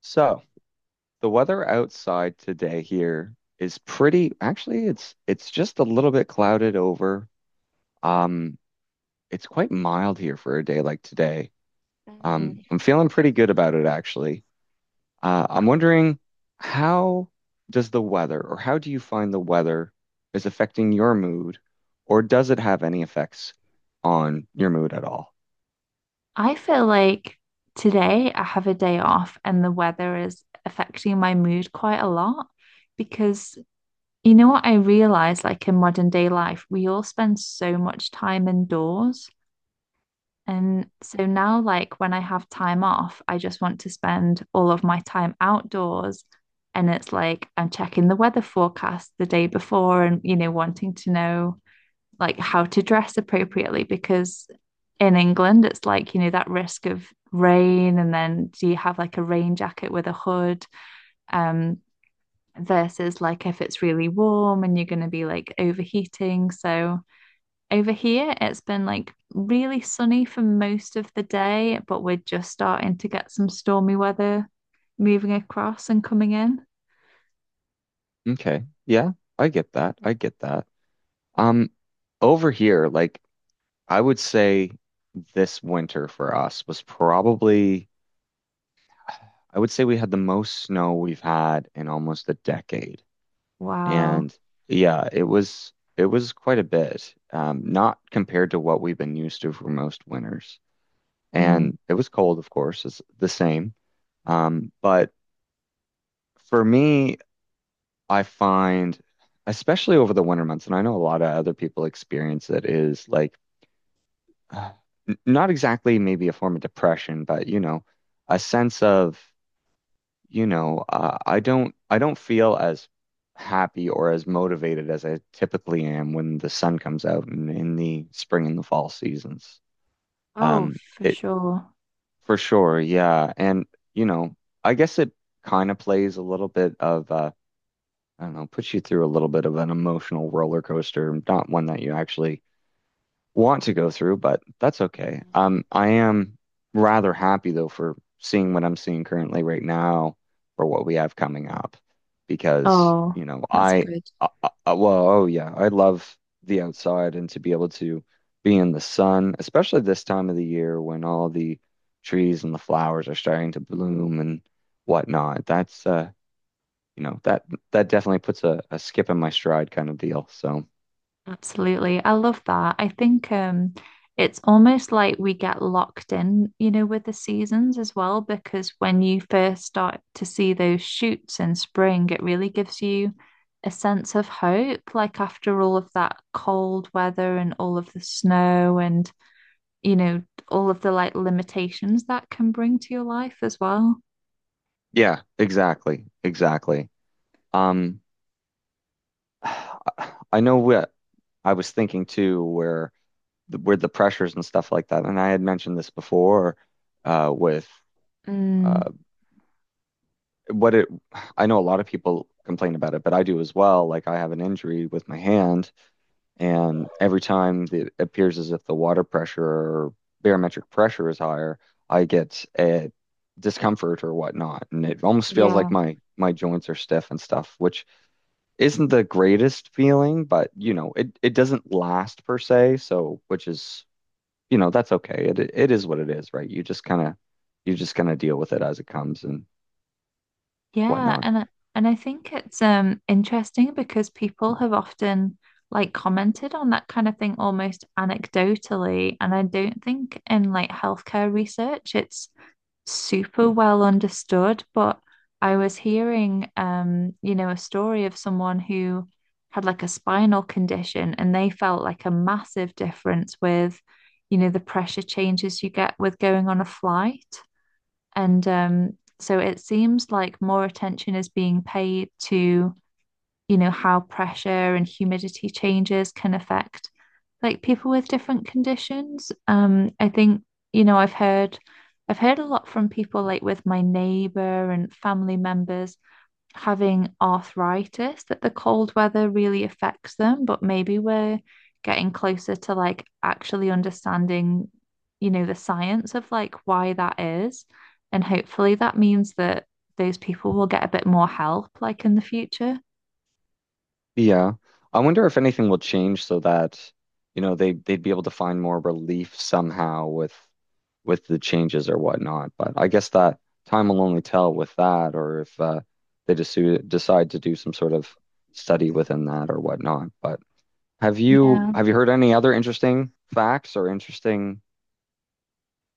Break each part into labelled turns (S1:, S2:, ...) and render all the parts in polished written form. S1: So the weather outside today here is pretty, actually it's just a little bit clouded over. Um, it's quite mild here for a day like today. I'm feeling pretty good about it actually. I'm wondering how does the weather or how do you find the weather is affecting your mood or does it have any effects on your mood at all?
S2: I feel like today I have a day off and the weather is affecting my mood quite a lot because you know what I realize, like in modern day life we all spend so much time indoors, and so now like when I have time off I just want to spend all of my time outdoors. And it's like I'm checking the weather forecast the day before and, you know, wanting to know like how to dress appropriately because in England it's like, you know, that risk of rain, and then do you have like a rain jacket with a hood um versus like if it's really warm and you're going to be like overheating. So over here it's been like really sunny for most of the day, but we're just starting to get some stormy weather moving across and coming in.
S1: Okay. Yeah, I get that. I get that. Um, Over here, like I would say this winter for us was probably, I would say we had the most snow we've had in almost a decade.
S2: Wow.
S1: And yeah, it was quite a bit. Not compared to what we've been used to for most winters.
S2: Mm.
S1: And it was cold, of course, it's the same. But for me, I find, especially over the winter months, and I know a lot of other people experience it, is like uh, not exactly maybe a form of depression, but you know, a sense of, you know, I don't feel as happy or as motivated as I typically am when the sun comes out in the spring and the fall seasons.
S2: Oh,
S1: Um,
S2: for
S1: it
S2: sure.
S1: for sure, yeah, and you know, I guess it kind of plays a little bit of I don't know, puts you through a little bit of an emotional roller coaster, not one that you actually want to go through, but that's okay. I am rather happy though for seeing what I'm seeing currently right now or what we have coming up because,
S2: Oh, that's good.
S1: I, I well, oh yeah, I love the outside and to be able to be in the sun, especially this time of the year when all the trees and the flowers are starting to bloom and whatnot. That's you know, that that definitely puts a skip in my stride kind of deal. So
S2: Absolutely. I love that. I think it's almost like we get locked in, you know, with the seasons as well, because when you first start to see those shoots in spring, it really gives you a sense of hope. Like after all of that cold weather and all of the snow and, you know, all of the like limitations that can bring to your life as well.
S1: yeah, exactly, exactly. Um, I know what I was thinking too, where the, with the pressures and stuff like that, and I had mentioned this before with
S2: Mm,
S1: uh, what it. I know a lot of people complain about it, but I do as well. Like I have an injury with my hand, and every time it appears as if the water pressure or barometric pressure is higher, I get a discomfort or whatnot, and it almost feels
S2: yeah.
S1: like my joints are stiff and stuff, which isn't the greatest feeling, but you know, it doesn't last per se, so which is, you know, that's okay. It is what it is, right? You just kind of you just kind of deal with it as it comes and
S2: Yeah,
S1: whatnot.
S2: and and I think it's interesting because people have often like commented on that kind of thing almost anecdotally, and I don't think in like healthcare research it's super well understood. But I was hearing, you know, a story of someone who had like a spinal condition, and they felt like a massive difference with, you know, the pressure changes you get with going on a flight. And so it seems like more attention is being paid to, you know, how pressure and humidity changes can affect like people with different conditions. I think, you know, I've heard a lot from people like with my neighbor and family members having arthritis that the cold weather really affects them, but maybe we're getting closer to like actually understanding, you know, the science of like why that is. And hopefully that means that those people will get a bit more help like in the future.
S1: Yeah. I wonder if anything will change so that, you know, they'd be able to find more relief somehow with the changes or whatnot. But I guess that time will only tell with that or if they just decide to do some sort of study within that or whatnot. But Have you
S2: Yeah.
S1: have you heard any other interesting facts or interesting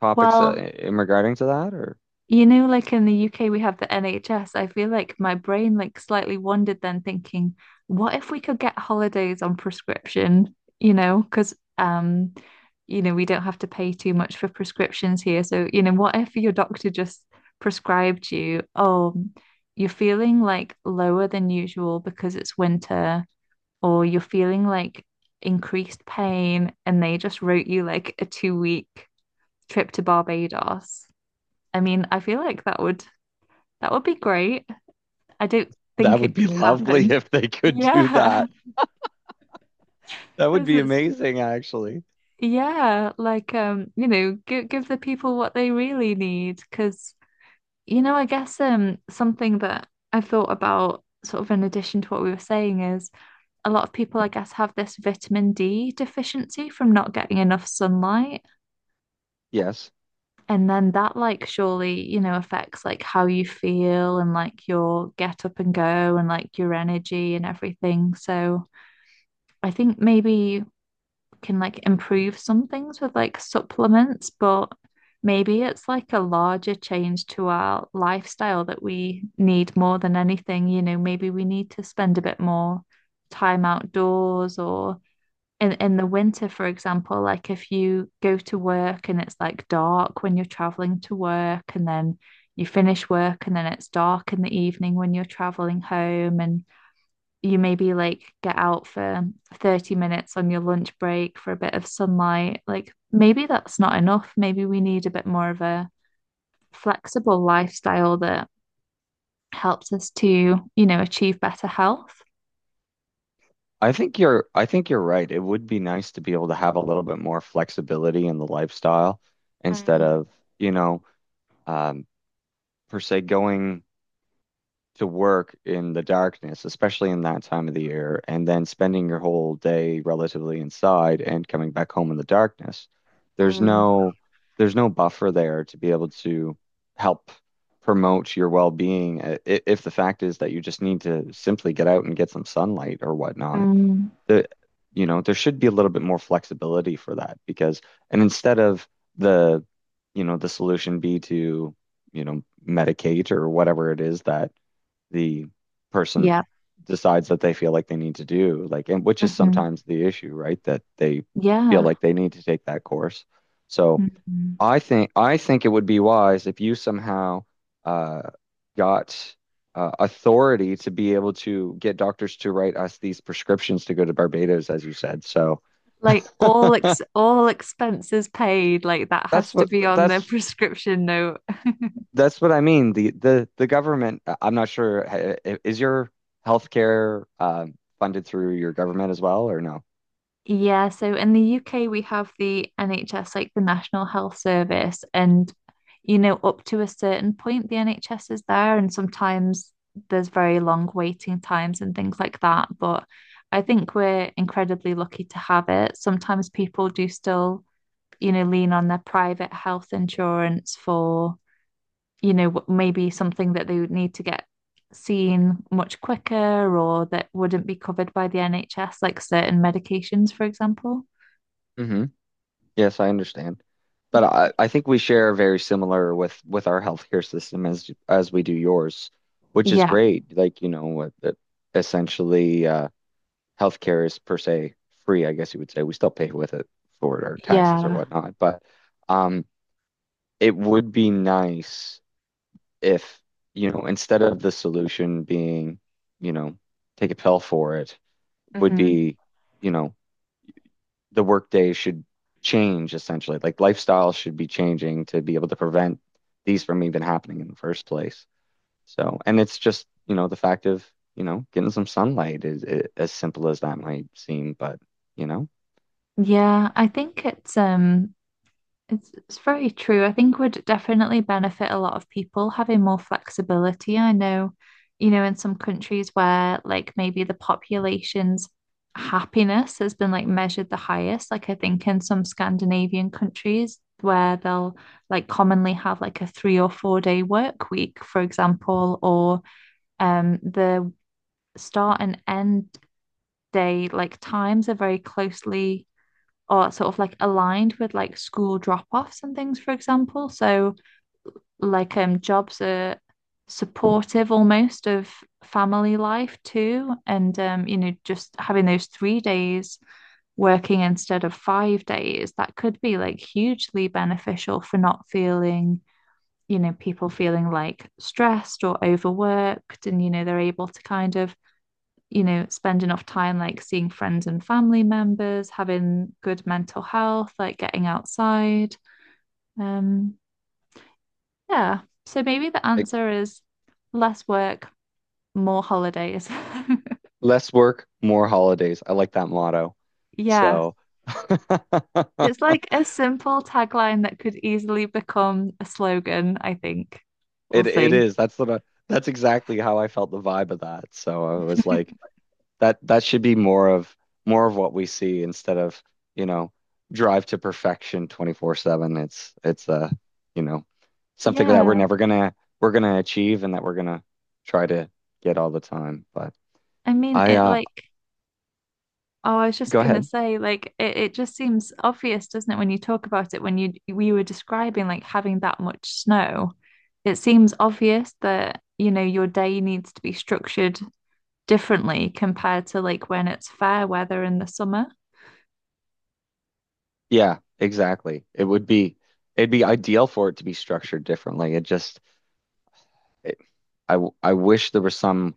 S1: topics
S2: Well,
S1: in regarding to that? Or
S2: you know, like in the UK, we have the NHS. I feel like my brain like slightly wandered then, thinking, what if we could get holidays on prescription? You know, because you know, we don't have to pay too much for prescriptions here. So, you know, what if your doctor just prescribed you, oh, you're feeling like lower than usual because it's winter, or you're feeling like increased pain, and they just wrote you like a 2 week trip to Barbados. I mean, I feel like that would, that would be great. I don't
S1: that
S2: think
S1: would
S2: it
S1: be
S2: could
S1: lovely
S2: happen.
S1: if they could do
S2: Yeah,
S1: that. That would
S2: because
S1: be
S2: it's
S1: amazing, actually.
S2: yeah, like you know, give the people what they really need. Because, you know, I guess, something that I've thought about, sort of in addition to what we were saying, is a lot of people, I guess, have this vitamin D deficiency from not getting enough sunlight,
S1: Yes.
S2: and then that, like, surely, you know, affects like how you feel and like your get up and go and like your energy and everything. So I think maybe you can like improve some things with like supplements, but maybe it's like a larger change to our lifestyle that we need more than anything. You know, maybe we need to spend a bit more time outdoors, or in the winter, for example, like if you go to work and it's like dark when you're traveling to work, and then you finish work and then it's dark in the evening when you're traveling home, and you maybe like get out for 30 minutes on your lunch break for a bit of sunlight. Like maybe that's not enough. Maybe we need a bit more of a flexible lifestyle that helps us to, you know, achieve better health.
S1: I think you're right. It would be nice to be able to have a little bit more flexibility in the lifestyle instead of, you know, um, per se going to work in the darkness, especially in that time of the year, and then spending your whole day relatively inside and coming back home in the darkness. There's no there's no buffer there to be able to help promote your well-being if the fact is that you just need to simply get out and get some sunlight or whatnot.
S2: Mm,
S1: The you know, there should be a little bit more flexibility for that because and instead of the you know, the solution be to, you know, medicate or whatever it is that the person
S2: yeah.
S1: decides that they feel like they need to do, like, and which is
S2: Hmm.
S1: sometimes the issue, right? That they feel
S2: Yeah.
S1: like they need to take that course. So
S2: Hmm.
S1: I think it would be wise if you somehow uh, got authority to be able to get doctors to write us these prescriptions to go to Barbados, as you said. So
S2: Like all ex all expenses paid, like that has
S1: that's
S2: to
S1: what
S2: be on the
S1: that's
S2: prescription note.
S1: that's what I mean. The government. I'm not sure. Is your healthcare funded through your government as well, or no?
S2: Yeah, so in the UK we have the NHS, like the National Health Service, and, you know, up to a certain point the NHS is there, and sometimes there's very long waiting times and things like that. But I think we're incredibly lucky to have it. Sometimes people do still, you know, lean on their private health insurance for, you know, maybe something that they would need to get seen much quicker, or that wouldn't be covered by the NHS, like certain medications, for example.
S1: Hmm. Yes, I understand. But I think we share very similar with our healthcare system as we do yours, which is
S2: Yeah,
S1: great. Like, you know, what that essentially healthcare is per se free, I guess you would say. We still pay with it for our taxes or
S2: yeah.
S1: whatnot. But um it would be nice if, you know, instead of the solution being, you know, take a pill for it, would
S2: Hmm.
S1: be, you know, the workday should change essentially. Like lifestyle should be changing to be able to prevent these from even happening in the first place. So, and it's just, you know, the fact of, you know, getting some sunlight is, I as simple as that might seem, but you know,
S2: Yeah, I
S1: it's,
S2: think it's it's very true. I think would definitely benefit a lot of people having more flexibility. I know, you know, in some countries where like maybe the population's happiness has been like measured the highest, like I think in some Scandinavian countries where they'll like commonly have like a 3 or 4 day work week, for example, or the start and end. They like times are very closely or sort of like aligned with like school drop-offs and things, for example. So like jobs are supportive almost of family life too. And you know, just having those 3 days working instead of 5 days, that could be like hugely beneficial for not feeling, you know, people feeling like stressed or overworked. And, you know, they're able to kind of, you know, spend enough time like seeing friends and family members, having good mental health, like getting outside. Um, yeah. So maybe the
S1: it's
S2: answer is less work, more holidays.
S1: less work, more holidays. I like that motto.
S2: Yeah.
S1: So
S2: It's like a simple tagline that could easily become a slogan, I think. We'll
S1: it
S2: see.
S1: is. That's the that's exactly how I felt the vibe of that. So I was like, that that should be more of what we see instead of, you know, drive to perfection 24/7. It's you know, something that we're
S2: Yeah.
S1: never gonna we're gonna achieve and that we're gonna try to get all the time. But
S2: I mean,
S1: I
S2: it like, oh, I was just
S1: go
S2: gonna
S1: ahead.
S2: say, like, it just seems obvious, doesn't it, when you talk about it, when you we were describing like having that much snow. It seems obvious that, you know, your day needs to be structured differently compared to like when it's fair weather in the summer.
S1: Yeah, exactly. It'd be ideal for it to be structured differently. It just I I wish there was some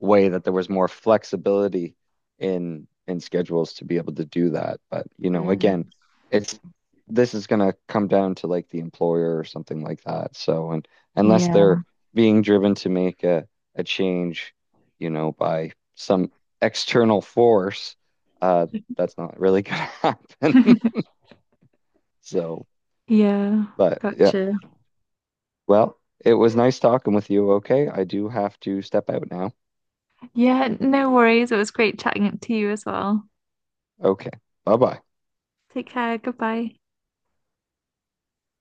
S1: way that there was more flexibility in schedules to be able to do that. But you know, again, it's this is gonna come down to like the employer or something like that. So, and unless they're
S2: Yeah.
S1: being driven to make a change, you know, by some external force, uh, that's not really gonna happen. So,
S2: Yeah.
S1: but yeah,
S2: Gotcha.
S1: well, it was nice talking with you. Okay, I do have to step out now.
S2: Yeah, no worries. It was great chatting to you as well.
S1: Okay, bye bye.
S2: Take care. Goodbye.